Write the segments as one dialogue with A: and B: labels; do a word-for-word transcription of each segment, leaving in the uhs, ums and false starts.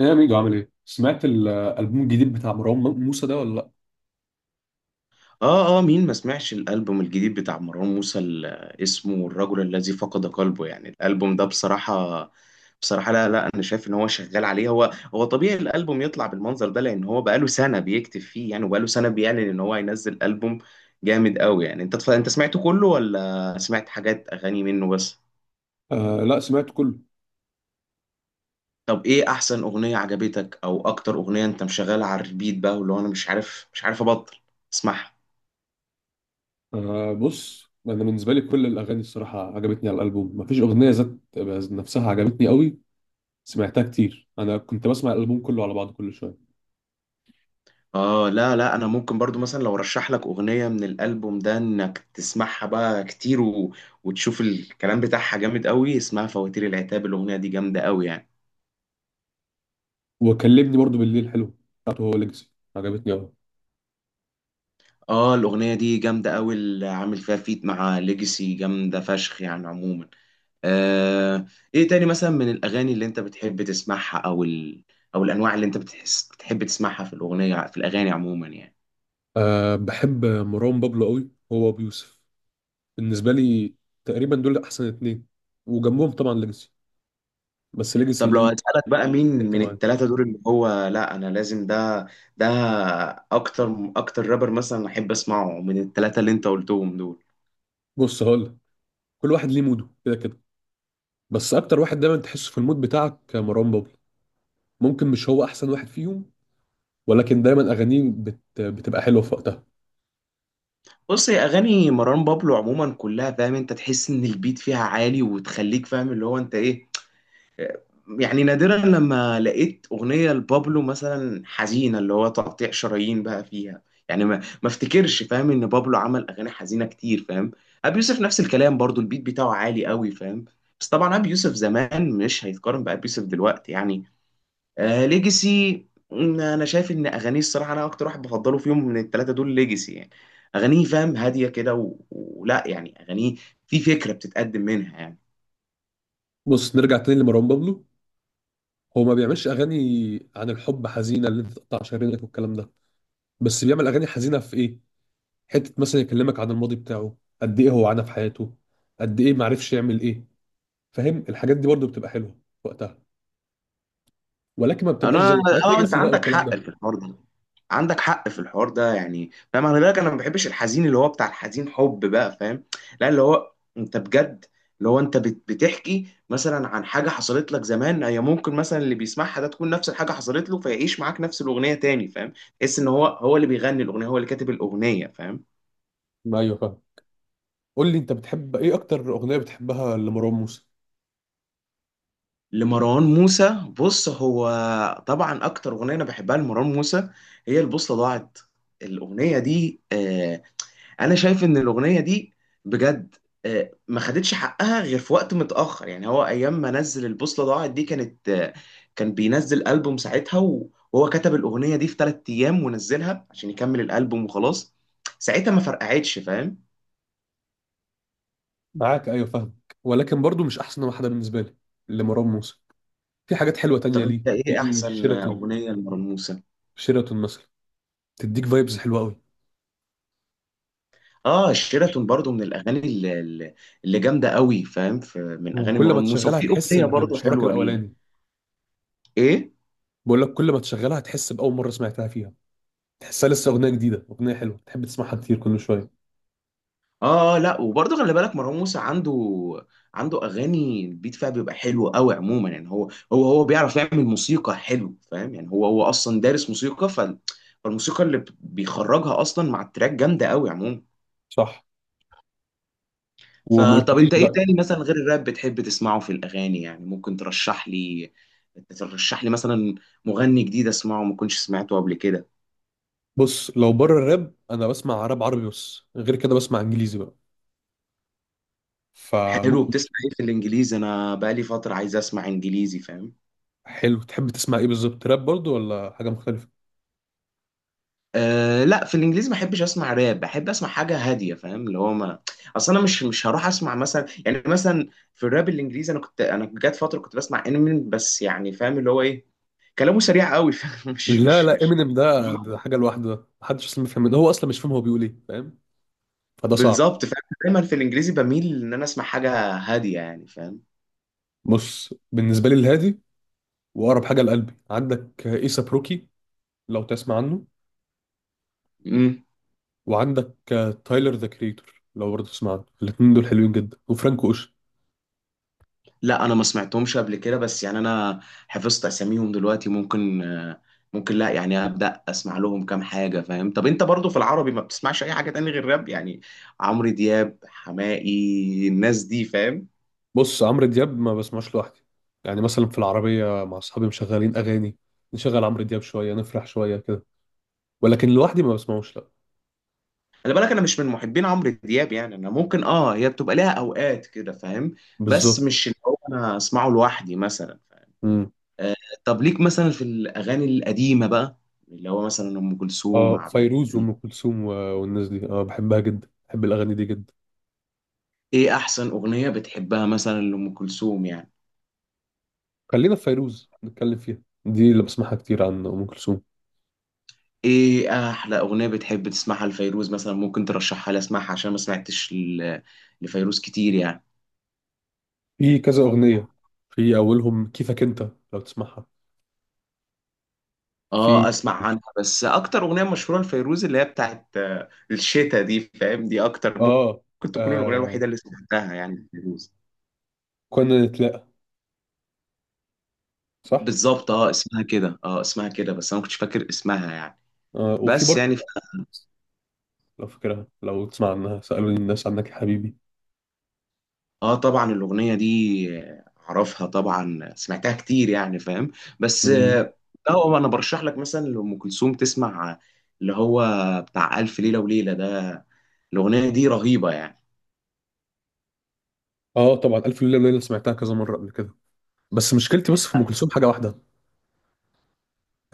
A: ايه يا ميجو؟ عامل ايه؟ سمعت الالبوم الجديد بتاع مروان موسى ده ولا لا؟
B: اه اه مين ما سمعش الالبوم الجديد بتاع مروان موسى اللي اسمه الرجل الذي فقد قلبه؟ يعني الالبوم ده بصراحه بصراحه لا لا، انا شايف ان هو شغال عليه، هو هو طبيعي الالبوم يطلع بالمنظر ده، لان هو بقاله سنه بيكتب فيه يعني، وبقاله سنه بيعلن ان هو هينزل البوم جامد قوي يعني. انت تف... انت سمعته كله ولا سمعت حاجات اغاني منه بس؟
A: آه لا، سمعت كله.
B: طب ايه احسن اغنيه عجبتك، او اكتر اغنيه انت مشغلها على الريبيت بقى، واللي هو انا مش عارف مش عارف ابطل اسمعها؟
A: آه، بص انا بالنسبه لي كل الاغاني الصراحه عجبتني على الالبوم، مفيش اغنيه ذات ذات نفسها عجبتني قوي. سمعتها كتير، انا كنت بسمع الالبوم كله على بعضه كل شويه.
B: اه، لا لا، انا ممكن برضو مثلا لو رشح لك اغنيه من الالبوم ده انك تسمعها بقى كتير، و... وتشوف الكلام بتاعها جامد قوي. اسمها فواتير العتاب، الاغنيه دي جامده قوي يعني.
A: وكلمني برضو بالليل حلو، بتاعته هو، ليجاسي عجبتني قوي.
B: اه، الاغنيه دي جامده قوي، اللي عامل فيها فيت مع ليجاسي جامده فشخ يعني عموما. آه. ايه تاني مثلا من الاغاني اللي انت بتحب تسمعها، او ال... او الانواع اللي انت بتحس بتحب تسمعها في الاغنيه في الاغاني عموما يعني؟
A: آه، بحب مروان بابلو قوي، هو ابو يوسف بالنسبه لي. تقريبا دول احسن اتنين، وجنبهم طبعا ليجاسي. بس ليجاسي
B: طب لو
A: ليه،
B: هسألك بقى مين
A: انت
B: من
A: معايا؟
B: التلاتة دول، اللي هو لا، أنا لازم ده ده أكتر أكتر رابر مثلا أحب أسمعه من التلاتة اللي أنت قلتهم دول.
A: بص هقول لك، كل واحد ليه موده كده كده، بس اكتر واحد دايما تحسه في المود بتاعك مروان بابلو. ممكن مش هو احسن واحد فيهم، ولكن دايما اغانيه بت... بتبقى حلوه في وقتها.
B: بص، هي أغاني مروان بابلو عموما كلها فاهم، أنت تحس إن البيت فيها عالي وتخليك فاهم اللي هو أنت إيه يعني. نادرا لما لقيت أغنية لبابلو مثلا حزينة اللي هو تقطيع شرايين بقى فيها. يعني ما ما افتكرش فاهم ان بابلو عمل اغاني حزينة كتير فاهم. ابي يوسف نفس الكلام برضو، البيت بتاعه عالي قوي فاهم. بس طبعا ابي يوسف زمان مش هيتقارن بابي يوسف دلوقتي يعني. آه، ليجاسي. م، انا شايف ان اغانيه الصراحة، انا اكتر واحد بفضله فيهم من الثلاثة دول ليجاسي يعني. اغانيه فاهم هادية كده، و- ولا يعني اغانيه في فكرة بتتقدم منها يعني.
A: بص نرجع تاني لمروان بابلو، هو ما بيعملش اغاني عن الحب حزينه اللي انت تقطع شرايينك والكلام ده، بس بيعمل اغاني حزينه في ايه؟ حته مثلا يكلمك عن الماضي بتاعه، قد ايه هو عانى في حياته، قد ايه ما عرفش يعمل ايه. فاهم؟ الحاجات دي برضو بتبقى حلوه في وقتها، ولكن ما بتبقاش زي
B: انا
A: حاجات
B: اه، انت
A: ليجاسي بقى
B: عندك
A: والكلام
B: حق
A: ده.
B: في الحوار ده، عندك حق في الحوار ده يعني فاهم، خلي بالك انا ما بحبش الحزين اللي هو بتاع الحزين حب بقى فاهم. لا، اللي هو انت بجد، اللي هو انت بت- بتحكي مثلا عن حاجه حصلت لك زمان، هي ممكن مثلا اللي بيسمعها ده تكون نفس الحاجه حصلت له، فيعيش معاك نفس الاغنيه تاني فاهم. تحس ان هو هو اللي بيغني الاغنيه، هو اللي كاتب الاغنيه فاهم.
A: ما ايوه فاهم. قول لي انت بتحب ايه؟ اكتر اغنيه بتحبها لمروان موسى؟
B: لمروان موسى، بص هو طبعا اكتر اغنيه انا بحبها لمروان موسى هي البوصله ضاعت. الاغنيه دي آه، انا شايف ان الاغنيه دي بجد آه، ما خدتش حقها غير في وقت متاخر يعني. هو ايام ما نزل البوصله ضاعت دي كانت آه، كان بينزل البوم ساعتها، و- وهو كتب الاغنيه دي في ثلاث ايام ونزلها عشان يكمل الالبوم وخلاص. ساعتها ما فرقعتش فاهم.
A: معاك، ايوه فاهم. ولكن برضو مش احسن واحده بالنسبه لي لمروان موسى. في حاجات حلوه
B: طب
A: تانية ليه،
B: انت ايه
A: في
B: احسن
A: شيراتون.
B: اغنيه لمروان موسى؟
A: شيراتون مثلا تديك فايبز حلوه قوي.
B: اه، شيراتون برضو من الاغاني اللي, اللي اللي جامده قوي فاهم، في- من اغاني
A: وكل ما
B: مروان موسى،
A: تشغلها
B: وفي
A: تحس
B: اغنيه
A: ب-
B: برضو
A: بشعورك
B: حلوه ليه.
A: الاولاني.
B: ايه.
A: بقول لك، كل ما تشغلها تحس باول مره سمعتها فيها. تحسها لسه اغنيه جديده، اغنيه حلوه تحب تسمعها كتير كل شويه.
B: اه لا، وبرضه خلي بالك مروان موسى عنده عنده اغاني البيت فيها بيبقى حلو قوي عموما يعني. هو هو هو بيعرف يعمل موسيقى حلو فاهم يعني، هو هو اصلا دارس موسيقى، ف فالموسيقى اللي بيخرجها اصلا مع التراك جامده قوي عموما.
A: صح. وما
B: فطب
A: قلتليش
B: انت ايه
A: بقى؟
B: تاني مثلا غير الراب بتحب تسمعه في الاغاني يعني؟ ممكن ترشح لي ترشح لي مثلا مغني جديد اسمعه ما كنتش سمعته قبل كده.
A: بص لو بره الراب، انا بسمع راب عربي بس. غير كده بسمع انجليزي بقى،
B: حلو،
A: فممكن.
B: بتسمع ايه في الانجليزي؟ انا بقالي فتره عايز اسمع انجليزي فاهم.
A: حلو، تحب تسمع ايه بالظبط؟ راب برضو ولا حاجه مختلفه؟
B: أه لا، في الانجليزي ما بحبش اسمع راب، بحب اسمع حاجه هاديه فاهم. اللي هو ما، اصل انا مش مش هروح اسمع مثلا، يعني مثلا في الراب الانجليزي، انا كنت انا جات فتره كنت بسمع انمين بس يعني فاهم. اللي هو ايه؟ كلامه سريع قوي فاهم مش
A: لا
B: مش
A: لا،
B: مش
A: امينيم ده ده حاجه لوحده، محدش اصلا بيفهم منه، هو اصلا مش فاهم هو بيقول ايه. فاهم؟ فده صعب.
B: بالظبط فاهم. دايما في الانجليزي بميل ان انا اسمع حاجه هاديه يعني
A: بص بالنسبه لي الهادي واقرب حاجه لقلبي عندك ايسا بروكي، لو تسمع عنه.
B: فاهم.
A: وعندك تايلر ذا كريتور، لو برضه تسمع عنه. الاثنين دول حلوين جدا، وفرانكو اوشن.
B: لا انا ما سمعتهمش قبل كده، بس يعني انا حفظت اساميهم دلوقتي ممكن، آه، ممكن لا يعني، ابدا اسمع لهم كام حاجه فاهم. طب انت برضو في العربي ما بتسمعش اي حاجه تاني غير راب يعني؟ عمرو دياب، حماقي، الناس دي فاهم.
A: بص عمرو دياب ما بسمعش لوحدي. يعني مثلا في العربيه مع اصحابي مشغلين اغاني، نشغل عمرو دياب شويه نفرح شويه كده، ولكن لوحدي ما بسمعوش لا.
B: خلي بالك انا مش من محبين عمرو دياب يعني، انا ممكن اه هي بتبقى ليها اوقات كده فاهم، بس
A: بالظبط.
B: مش اللي هو انا اسمعه لوحدي مثلا فاهم.
A: امم
B: آه. طب ليك مثلا في الاغاني القديمه بقى، اللي هو مثلا ام كلثوم،
A: اه،
B: عبد
A: فيروز
B: الحليم،
A: وام كلثوم و- والناس دي، اه بحبها جدا، بحب الاغاني دي جدا.
B: ايه احسن اغنية بتحبها مثلا لأم كلثوم يعني؟
A: خلينا في فيروز نتكلم فيها، دي اللي بسمعها كتير عن ام كلثوم.
B: ايه احلى اغنية بتحب تسمعها لفيروز مثلا؟ ممكن ترشحها لي اسمعها عشان ما سمعتش ل- لفيروز كتير يعني.
A: في كذا اغنيه، في اولهم كيفك انت، لو تسمعها.
B: اه،
A: في
B: اسمع عنها، بس اكتر اغنية مشهورة لفيروز اللي هي بتاعت آه، الشتا دي فاهم، دي اكتر
A: اه,
B: ممكن تكون الاغنية
A: آه
B: الوحيدة اللي سمعتها يعني لفيروز.
A: كنا نتلاقى. صح.
B: بالظبط، اه اسمها كده، اه اسمها كده بس انا ما كنتش فاكر اسمها يعني.
A: آه وفي
B: بس
A: برضه،
B: يعني
A: لو فاكرها، لو تسمع عنها، سالوني الناس عنك يا حبيبي.
B: اه، طبعا الاغنيه دي اعرفها طبعا، سمعتها كتير يعني فاهم. بس
A: مم.
B: اه، هو انا برشح لك مثلا لام كلثوم تسمع اللي هو بتاع الف ليله وليله ده، الاغنيه دي رهيبه يعني
A: اه طبعا الف ليله وليله سمعتها كذا مره قبل كده، بس مشكلتي بس في ام كلثوم حاجه واحده،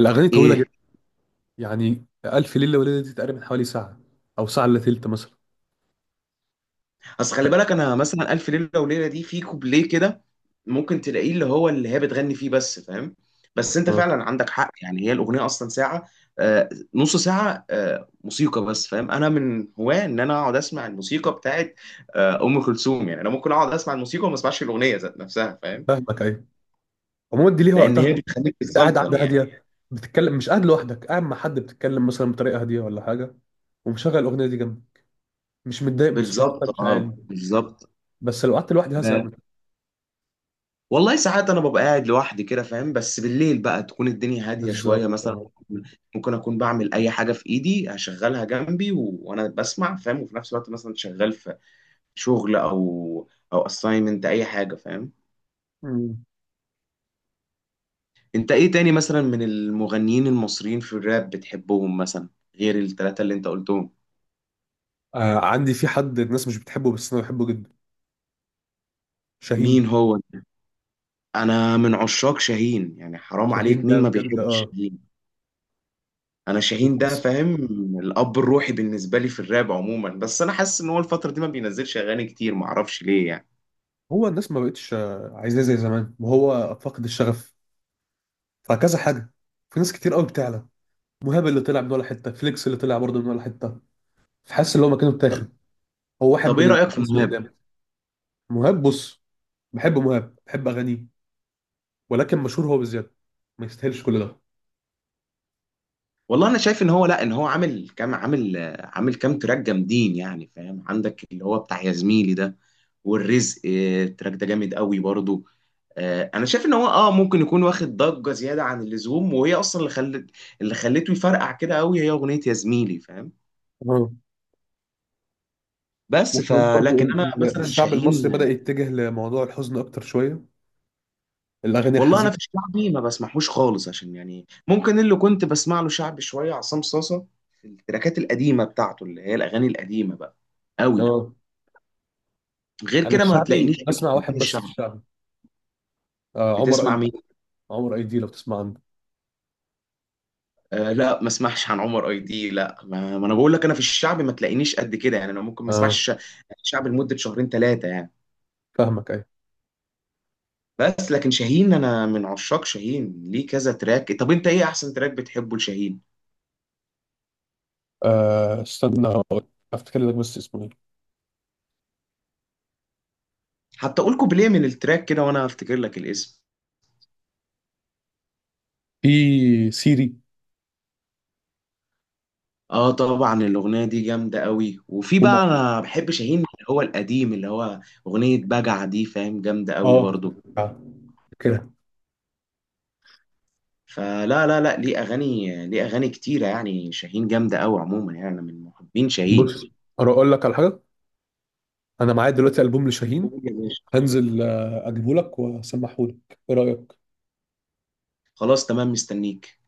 A: الاغاني طويله
B: ايه.
A: جدا. يعني الف ليله وليله دي تقريبا حوالي ساعه، او ساعه الا تلت مثلا.
B: اصل
A: ف-
B: خلي بالك انا مثلا الف ليله وليله دي في كوبليه كده ممكن تلاقيه اللي هو اللي هي بتغني فيه بس فاهم. بس انت
A: آه،
B: فعلا عندك حق يعني، هي الاغنيه اصلا ساعه، آه نص ساعه آه موسيقى بس فاهم. انا من هواه ان انا اقعد اسمع الموسيقى بتاعت آه ام كلثوم يعني، انا ممكن اقعد اسمع الموسيقى وما اسمعش الاغنيه ذات نفسها فاهم،
A: فاهمك ايوه. عموما دي ليها
B: لان
A: وقتها.
B: هي بتخليك
A: انت قاعد،
B: تتسلطن
A: قاعده
B: يعني.
A: هاديه، بتتكلم، مش قاعد لوحدك، قاعد مع حد بتتكلم مثلا بطريقه هاديه ولا حاجه، ومشغل الاغنيه دي جنبي، مش متضايق من صوتها، صوتها
B: بالظبط،
A: مش
B: اه
A: عالي.
B: بالظبط.
A: بس لو قعدت لوحدي هزهق
B: آه،
A: منها.
B: والله ساعات انا ببقى قاعد لوحدي كده فاهم، بس بالليل بقى تكون الدنيا هاديه شويه
A: بالظبط
B: مثلا.
A: اه.
B: ممكن اكون بعمل اي حاجه في ايدي هشغلها جنبي و... وانا بسمع فاهم، وفي نفس الوقت مثلا شغال في شغل، او او اساينمنت اي حاجه فاهم.
A: مم.
B: انت ايه تاني مثلا من المغنيين المصريين في الراب بتحبهم مثلا، غير الثلاثه اللي انت قلتهم؟
A: آه عندي، في حد الناس مش بتحبه بس انا بحبه جدا، شاهين.
B: مين هو؟ انا من عشاق شاهين يعني، حرام
A: شاهين
B: عليك،
A: ده
B: مين ما
A: بجد
B: بيحبش.
A: اه.
B: انا شاهين ده
A: وتحس،
B: فاهم، الاب الروحي بالنسبه لي في الراب عموما، بس انا حاسس ان هو الفتره دي ما بينزلش اغاني كتير، ما اعرفش ليه يعني.
A: هو الناس ما بقتش آه، عايزاه زي زمان، وهو فاقد الشغف، فكذا حاجه. في ناس كتير قوي بتعلى، مهاب اللي طلع من ولا حته، فليكس اللي طلع برضه من ولا حته، فحاسس ان هو مكانه اتاخد. هو واحد
B: طب
A: من
B: ايه رايك في
A: الناس اللي
B: مهاب؟
A: قدام. مهاب، بص بحب مهاب، بحب اغانيه، ولكن مشهور هو بزياده، ما يستاهلش كل ده.
B: والله انا شايف ان هو لا، ان هو عامل كام، عامل آه، عامل كام تراك جامدين يعني فاهم، عندك اللي هو بتاع يا زميلي ده، والرزق آه، التراك ده جامد قوي برضو. آه، انا شايف ان هو اه ممكن يكون واخد ضجه زياده عن اللزوم، وهي اصلا اللي خلت اللي خلته يفرقع كده قوي هي اغنيه يا زميلي فاهم.
A: اه.
B: بس
A: وكمان
B: فلكن
A: برضو
B: انا
A: ال-
B: مثلا
A: الشعب المصري بدأ
B: شاهين.
A: يتجه لموضوع الحزن أكتر شوية، الأغاني
B: والله انا
A: الحزينة.
B: في الشعبي ما بسمعهوش خالص عشان يعني، ممكن اللي كنت بسمع له شعبي شويه عصام صاصه، في التراكات القديمه بتاعته اللي هي الاغاني القديمه بقى قوي.
A: اه.
B: غير
A: أنا
B: كده ما هتلاقينيش
A: الشعبي
B: في
A: بسمع
B: المغنيين
A: واحد بس في
B: الشعبي.
A: الشعبي، آه عمر
B: بتسمع
A: أيدي.
B: مين؟
A: عمر أيدي، لو تسمع عنه.
B: آه لا، ما اسمعش عن عمر اي دي، لا، ما, ما انا بقول لك، انا في الشعبي ما تلاقينيش قد كده يعني، انا ممكن ما
A: اه
B: اسمعش شعبي لمده شهرين ثلاثه يعني.
A: فاهمك أيوة.
B: بس لكن شاهين، انا من عشاق شاهين، ليه كذا تراك. طب انت ايه احسن تراك بتحبه لشاهين؟
A: آه استنى هقول- أفتكر لك، بس اسمه إيه؟
B: حتى اقول كوبليه من التراك كده وانا افتكر لك الاسم.
A: في سيري.
B: اه طبعا الاغنيه دي جامده قوي، وفي
A: ومع
B: بقى انا بحب شاهين اللي هو القديم، اللي هو اغنيه بجع دي فاهم، جامده قوي
A: اه
B: برضو.
A: آه، كده.
B: فلا لا لا، ليه اغاني، ليه اغاني كتيره يعني، شاهين جامده قوي عموما يعني، انا من محبين شاهين.
A: بص أقول لك على حاجة، أنا معايا دلوقتي ألبوم لشاهين.
B: قول يا باشا.
A: هنزل آه، أجيبه لك وأسمحه لك. إيه رأيك؟
B: خلاص تمام مستنيك.